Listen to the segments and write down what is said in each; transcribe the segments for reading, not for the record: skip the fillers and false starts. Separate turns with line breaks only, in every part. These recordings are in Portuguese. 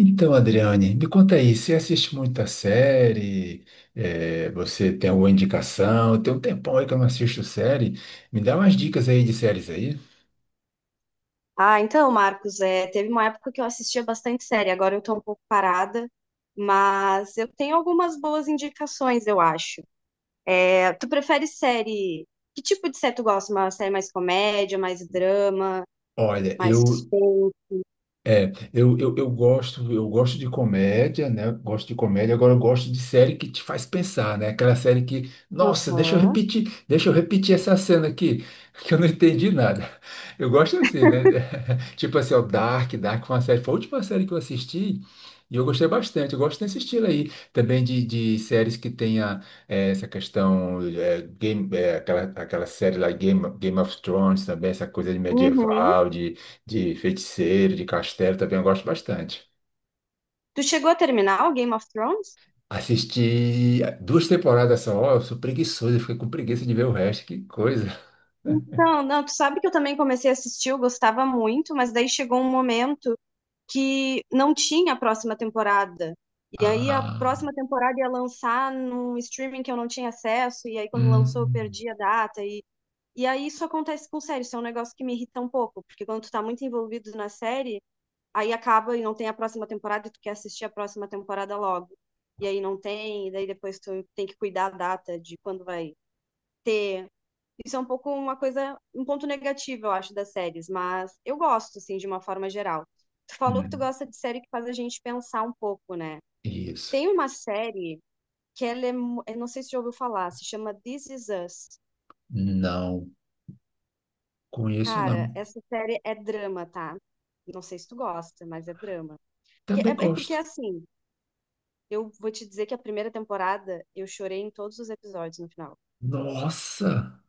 Então, Adriane, me conta aí, você assiste muita série? Você tem alguma indicação? Tem um tempão aí que eu não assisto série. Me dá umas dicas aí de séries aí.
Ah, então, Marcos, teve uma época que eu assistia bastante série, agora eu tô um pouco parada, mas eu tenho algumas boas indicações, eu acho. É, tu prefere série? Que tipo de série tu gosta? Uma série mais comédia, mais drama,
Olha,
mais
eu,
suspense?
eu gosto de comédia, né? Eu gosto de comédia, agora eu gosto de série que te faz pensar, né? Aquela série que, nossa, deixa eu
Aham.
repetir, deixa eu repetir essa cena aqui, que eu não entendi nada. Eu gosto assim, né? Tipo assim, o Dark foi uma série, foi a última série que eu assisti e eu gostei bastante. Eu gosto desse estilo aí, também de séries que tenha essa questão, game, aquela série lá, Game of Thrones também, essa coisa de
Uhum.
medieval, de feiticeiro, de castelo também eu gosto bastante.
Tu chegou a terminar o Game of Thrones?
Assisti duas temporadas só, eu sou preguiçoso, eu fiquei com preguiça de ver o resto, que coisa.
Então, não, tu sabe que eu também comecei a assistir, eu gostava muito, mas daí chegou um momento que não tinha a próxima temporada. E aí a
Ah,
próxima temporada ia lançar num streaming que eu não tinha acesso, e aí quando lançou eu
hum,
perdi a data. E aí isso acontece com série, isso é um negócio que me irrita um pouco, porque quando tu tá muito envolvido na série, aí acaba e não tem a próxima temporada e tu quer assistir a próxima temporada logo. E aí não tem, e daí depois tu tem que cuidar a data de quando vai ter. Isso é um pouco uma coisa, um ponto negativo, eu acho, das séries, mas eu gosto, assim, de uma forma geral. Tu falou que tu
hum,
gosta de série que faz a gente pensar um pouco, né?
isso.
Tem uma série que ela é, eu não sei se já ouviu falar, se chama This Is Us.
Não conheço,
Cara,
não.
essa série é drama, tá? Não sei se tu gosta, mas é drama.
Também
É, é porque,
gosto.
assim, eu vou te dizer que a primeira temporada eu chorei em todos os episódios no final.
Nossa!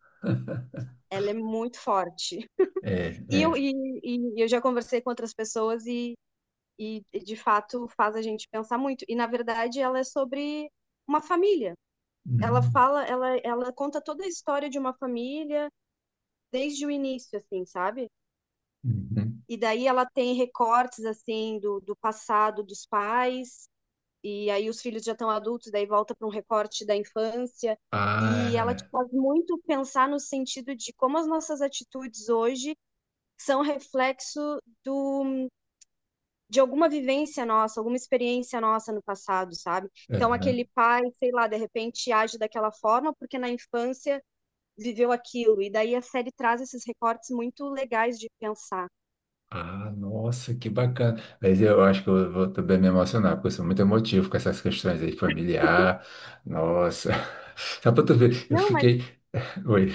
Ela é muito forte.
É,
E eu,
é.
e, e eu já conversei com outras pessoas e de fato faz a gente pensar muito. E na verdade ela é sobre uma família. Ela
Hum,
fala, ela conta toda a história de uma família desde o início, assim, sabe?
uhum.
E daí ela tem recortes assim do passado dos pais, e aí os filhos já estão adultos, daí volta para um recorte da infância. E ela te
Ah,
faz muito pensar no sentido de como as nossas atitudes hoje são reflexo do, de alguma vivência nossa, alguma experiência nossa no passado, sabe?
é,
Então,
aham.
aquele pai, sei lá, de repente age daquela forma porque na infância viveu aquilo. E daí a série traz esses recortes muito legais de pensar.
Ah, nossa, que bacana. Mas eu acho que eu vou também me emocionar, porque eu sou muito emotivo com essas questões aí familiar. Nossa. Só para tu ver, eu
Não, mas
fiquei. Oi,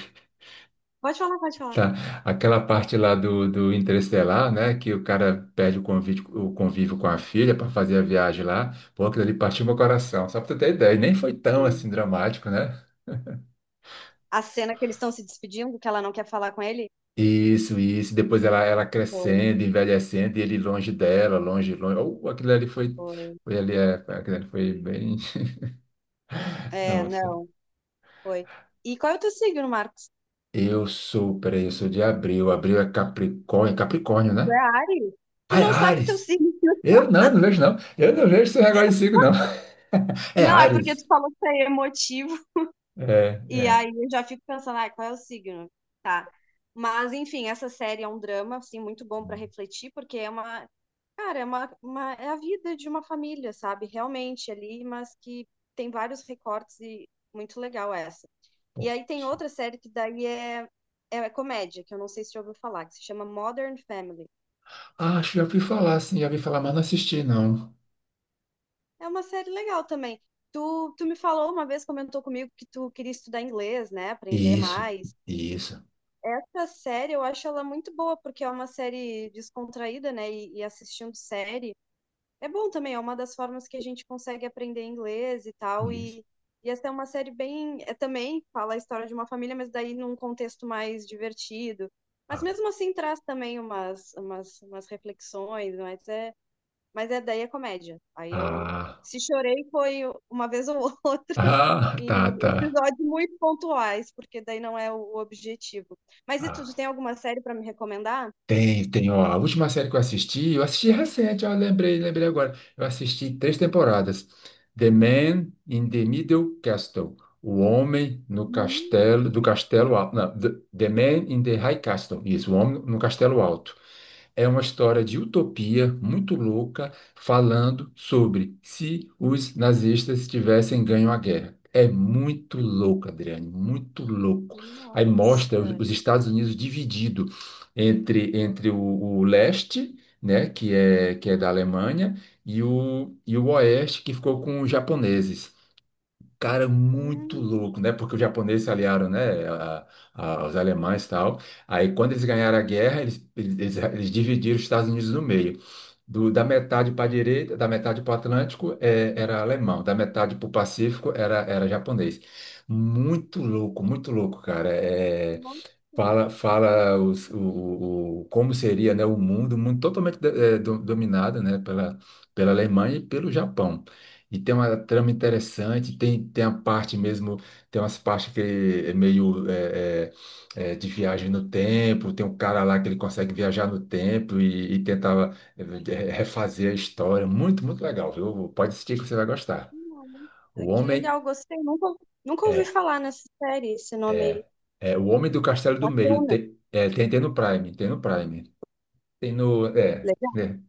pode falar, pode falar.
tá. Aquela parte lá do Interestelar, né? Que o cara perde o convívio com a filha para fazer a viagem lá. Pô, aquilo ali partiu meu coração. Só para tu ter ideia. E nem foi tão assim
Hum.
dramático, né?
A cena que eles estão se despedindo, que ela não quer falar com ele?
Isso, isso. Depois ela
Foi,
crescendo, envelhecendo, e ele longe dela, longe, longe. Oh, aquilo ali foi.
foi.
Foi ali, é, aquilo ali foi bem.
É,
Nossa.
não, foi. E qual é o teu signo, Marcos?
Eu sou, peraí, eu sou de abril. Abril é Capricórnio,
Tu é
né?
Áries? Tu
Ai,
não sabe teu
Ares!
signo.
Eu não vejo, não. Eu não vejo esse negócio de signo, não. É
Não, é porque tu
Ares.
falou que é emotivo.
É,
E
é.
aí eu já fico pensando, ah, qual é o signo? Tá. Mas, enfim, essa série é um drama, assim, muito bom para refletir, porque é uma, cara, é a vida de uma família, sabe? Realmente ali, mas que tem vários recortes e muito legal essa. E aí tem outra série que daí é, é, comédia, que eu não sei se você já ouviu falar, que se chama Modern Family.
Ah, acho que já ouvi falar, sim, já ouvi falar, mas não assisti, não.
É uma série legal também. Tu me falou uma vez, comentou comigo que tu queria estudar inglês, né? Aprender
Isso,
mais.
isso,
Essa série eu acho ela muito boa, porque é uma série descontraída, né? E assistindo série é bom também, é uma das formas que a gente consegue aprender inglês e tal.
isso.
E essa é uma série bem. É, também fala a história de uma família, mas daí num contexto mais divertido. Mas
Ah,
mesmo assim traz também umas reflexões, mas é, daí é comédia. Aí eu.
ah,
Se chorei foi uma vez ou outra,
ah, tá,
em
tá.
episódios muito pontuais, porque daí não é o objetivo. Mas e tu, tu
Ah.
tem alguma série pra me recomendar?
Tem, ó, a última série que eu assisti recente, ó, lembrei, lembrei agora. Eu assisti três temporadas. The Man in the Middle Castle. O Homem no
Hum,
Castelo, do Castelo Alto. Não, The Man in the High Castle. Isso, o Homem no Castelo
nossa.
Alto. É uma história de utopia muito louca, falando sobre se os nazistas tivessem ganho a guerra. É muito
Hum,
louco, Adriane, muito louco. Aí mostra os
nossa.
os Estados Unidos dividido, entre o leste, né, que é da Alemanha, e o oeste, que ficou com os japoneses, cara, muito louco, né? Porque os japoneses se aliaram, né, a, aos alemães e tal. Aí, quando eles ganharam a guerra, eles dividiram os Estados Unidos no meio. Da metade para a direita, da metade para o Atlântico, é, era alemão, da metade para o Pacífico, era japonês. Muito louco, cara. É, fala como seria, né, o mundo, um mundo totalmente dominado, né, pela, pela Alemanha e pelo Japão. E tem uma trama interessante, tem a parte mesmo, tem umas partes que é meio de viagem no tempo, tem um cara lá que ele consegue viajar no tempo e tentava refazer a história. Muito, muito legal, viu? Pode assistir que você vai gostar. O
Nossa, que
Homem
legal, gostei. Nunca ouvi
é,
falar nessa série, esse nome aí.
é, é O Homem do Castelo do Meio,
Bacana.
tem, é, tem no Prime, tem no Prime. Tem no. É,
Legal,
né?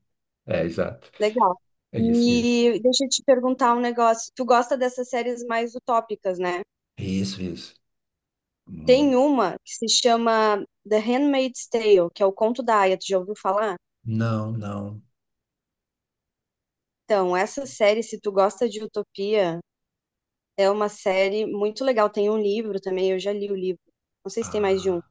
É, exato.
legal.
É isso, é isso.
E deixa eu te perguntar um negócio. Tu gosta dessas séries mais utópicas, né?
Isso, isso.
Tem
Muito.
uma que se chama The Handmaid's Tale, que é o conto da Aya, tu já ouviu falar?
Não, não.
Então, essa série, se tu gosta de utopia, é uma série muito legal. Tem um livro também, eu já li o livro. Não sei se tem mais de um,
Ah.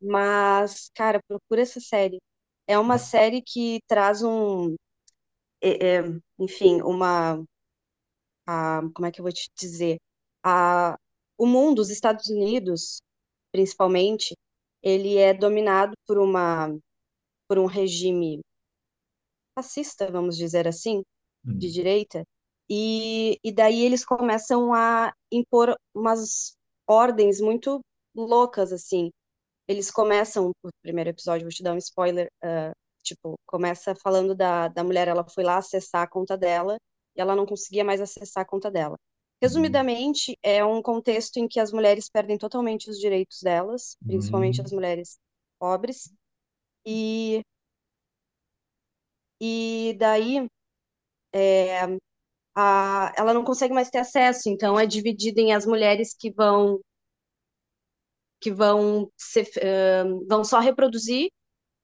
mas, cara, procura essa série. É uma
É.
série que traz um, é- é, enfim, uma, como é que eu vou te dizer? A, o mundo, os Estados Unidos, principalmente, ele é dominado por uma, por um regime fascista, vamos dizer assim, de
Hum,
direita, e daí eles começam a impor umas ordens muito loucas, assim. Eles começam, o primeiro episódio, vou te dar um spoiler, tipo, começa falando da mulher, ela foi lá acessar a conta dela, e ela não conseguia mais acessar a conta dela.
hum,
Resumidamente, é um contexto em que as mulheres perdem totalmente os direitos delas, principalmente
hum.
as mulheres pobres, e, e daí ela não consegue mais ter acesso, então é dividida em as mulheres que vão que vão ser, eh, vão só reproduzir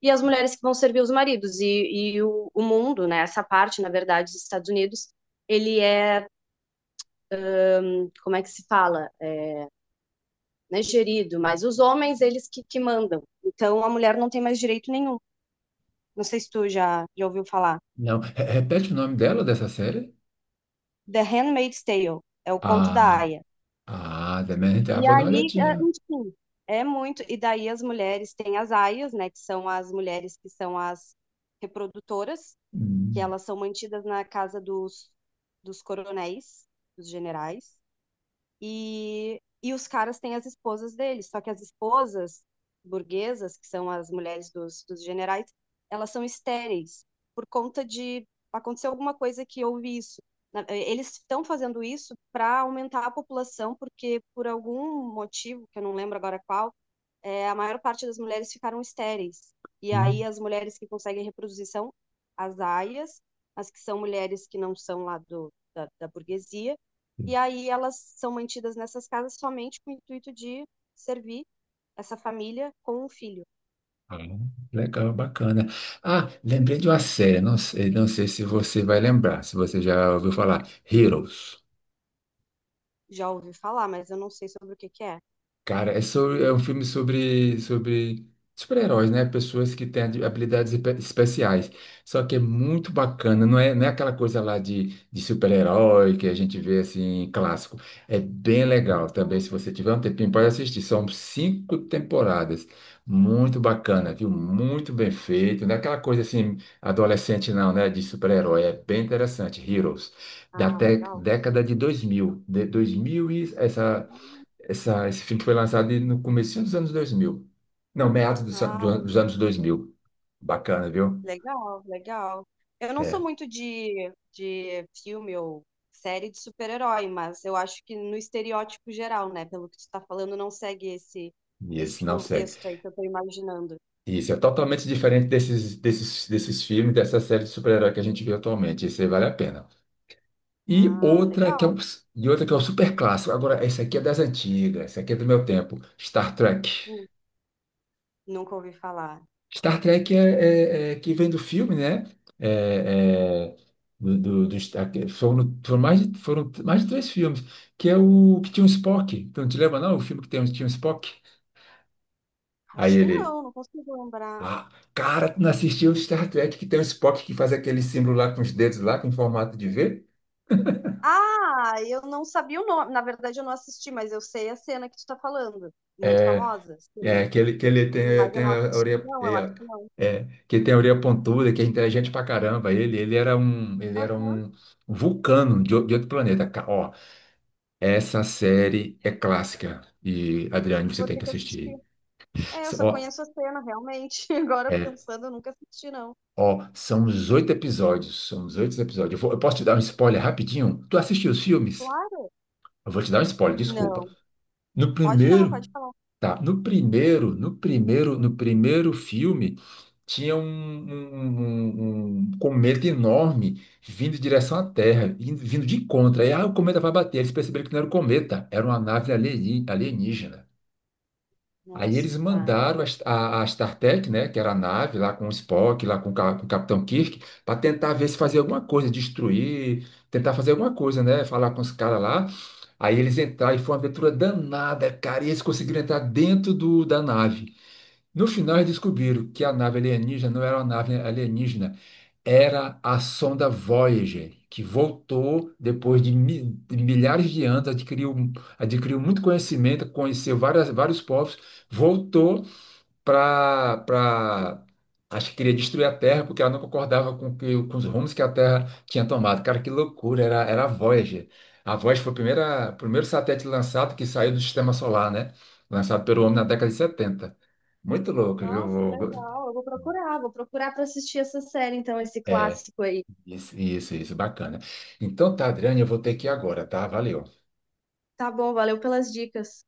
e as mulheres que vão servir os maridos e o mundo, né? Essa parte, na verdade, dos Estados Unidos, ele é, como é que se fala? É, né, gerido, mas os homens, eles que mandam. Então a mulher não tem mais direito nenhum. Não sei se tu já ouviu falar.
Não. Repete o nome dela, dessa série?
The Handmaid's Tale é o conto da
Ah,
Aya.
ah, The Manhunter. Ah,
E
vou dar uma
aí, ah,
olhadinha.
enfim, é muito. E daí as mulheres têm as aias, né? Que são as mulheres que são as reprodutoras, que
Hum,
elas são mantidas na casa dos coronéis, dos generais. E os caras têm as esposas deles, só que as esposas burguesas, que são as mulheres dos generais, elas são estéreis por conta de aconteceu alguma coisa que houve isso. Eles estão fazendo isso para aumentar a população, porque por algum motivo, que eu não lembro agora qual, é, a maior parte das mulheres ficaram estéreis. E aí
hum.
as mulheres que conseguem reproduzir são as aias, as que são mulheres que não são lá do, da burguesia,
Hum.
e aí elas são mantidas nessas casas somente com o intuito de servir essa família com um filho.
Ah, legal, bacana. Ah, lembrei de uma série. Não sei se você vai lembrar, se você já ouviu falar. Heroes.
Já ouvi falar, mas eu não sei sobre o que que é.
Cara, é, sobre, é um filme sobre super-heróis, né? Pessoas que têm habilidades especiais. Só que é muito bacana, não é aquela coisa lá de super-herói que a gente vê assim, clássico. É bem legal também. Se
Hum,
você tiver um tempinho, pode assistir. São cinco temporadas. Muito bacana, viu? Muito bem feito. Não é aquela coisa assim, adolescente, não, né? De super-herói. É bem interessante. Heroes, da
ah, legal.
década de 2000. De 2000 e essa. Esse filme foi lançado no começo dos anos 2000. Não, meados dos,
Ah,
dos anos 2000. Bacana, viu?
legal, legal. Eu não sou
É,
muito de filme ou série de super-herói, mas eu acho que no estereótipo geral, né? Pelo que tu tá falando, não segue esse,
e
esse
esse não segue.
contexto aí que eu tô imaginando.
Isso é totalmente diferente desses, desses filmes, dessa série de super-herói que a gente vê atualmente. Esse aí vale a pena. E
Ah,
outra que é
legal.
um, e outra que é um super clássico. Agora, esse aqui é das antigas, esse aqui é do meu tempo. Star Trek.
Hum, Nunca ouvi falar.
Star Trek é que vem do filme, né? É, é, que foram mais de três filmes, que é o que tinha o Spock. Então, te lembra, não? O filme que tem, tinha o Spock? Aí
Acho que
ele,
não, não consigo lembrar.
ah, cara, tu não assistiu o Star Trek que tem o Spock que faz aquele símbolo lá com os dedos lá, com formato de V?
Ah, eu não sabia o nome. Na verdade, eu não assisti, mas eu sei a cena que tu tá falando. Muito
É,
famosa,
é
sim.
que ele, tem,
Mas eu
tem
não
a
assisti,
orelha,
não,
é,
eu acho que não.
é, que ele tem a orelha pontuda, que é inteligente pra caramba. Ele era um, ele era
Aham,
um um vulcano de outro planeta. Ó, essa série é clássica e, Adriane, você
vou
tem
ter
que
que assistir.
assistir.
É, eu só
Ó,
conheço a cena, realmente. Agora
é,
pensando, eu nunca assisti, não.
ó, são os oito episódios, eu posso te dar um spoiler rapidinho? Tu assistiu os filmes?
Claro.
Eu vou te dar um spoiler, desculpa.
Não.
No
Pode dar, pode
primeiro,
falar.
tá, no primeiro filme, tinha um cometa enorme vindo em direção à Terra, vindo de contra. Aí, o cometa vai bater. Eles perceberam que não era o cometa, era uma nave alienígena. Aí eles
Nossa, tá.
mandaram a, a StarTech, né, que era a nave lá com o Spock, lá com o, com o Capitão Kirk, para tentar ver se fazia alguma coisa, destruir, tentar fazer alguma coisa, né, falar com os caras lá. Aí eles entraram e foi uma aventura danada, cara, e eles conseguiram entrar dentro da nave. No final, eles descobriram que a nave alienígena não era uma nave alienígena, era a sonda Voyager, que voltou depois de de milhares de anos, adquiriu muito conhecimento, conheceu vários povos, voltou para, acho que queria destruir a Terra, porque ela não concordava com os rumos que a Terra tinha tomado. Cara, que loucura, era a Voyager. A Voyager foi o primeiro satélite lançado que saiu do sistema solar, né? Lançado pelo homem na década de 70. Muito louco,
Nossa, que
viu?
legal. Eu vou procurar pra assistir essa série, então, esse clássico aí.
Isso, bacana. Então tá, Adriane, eu vou ter que ir agora, tá? Valeu.
Tá bom, valeu pelas dicas.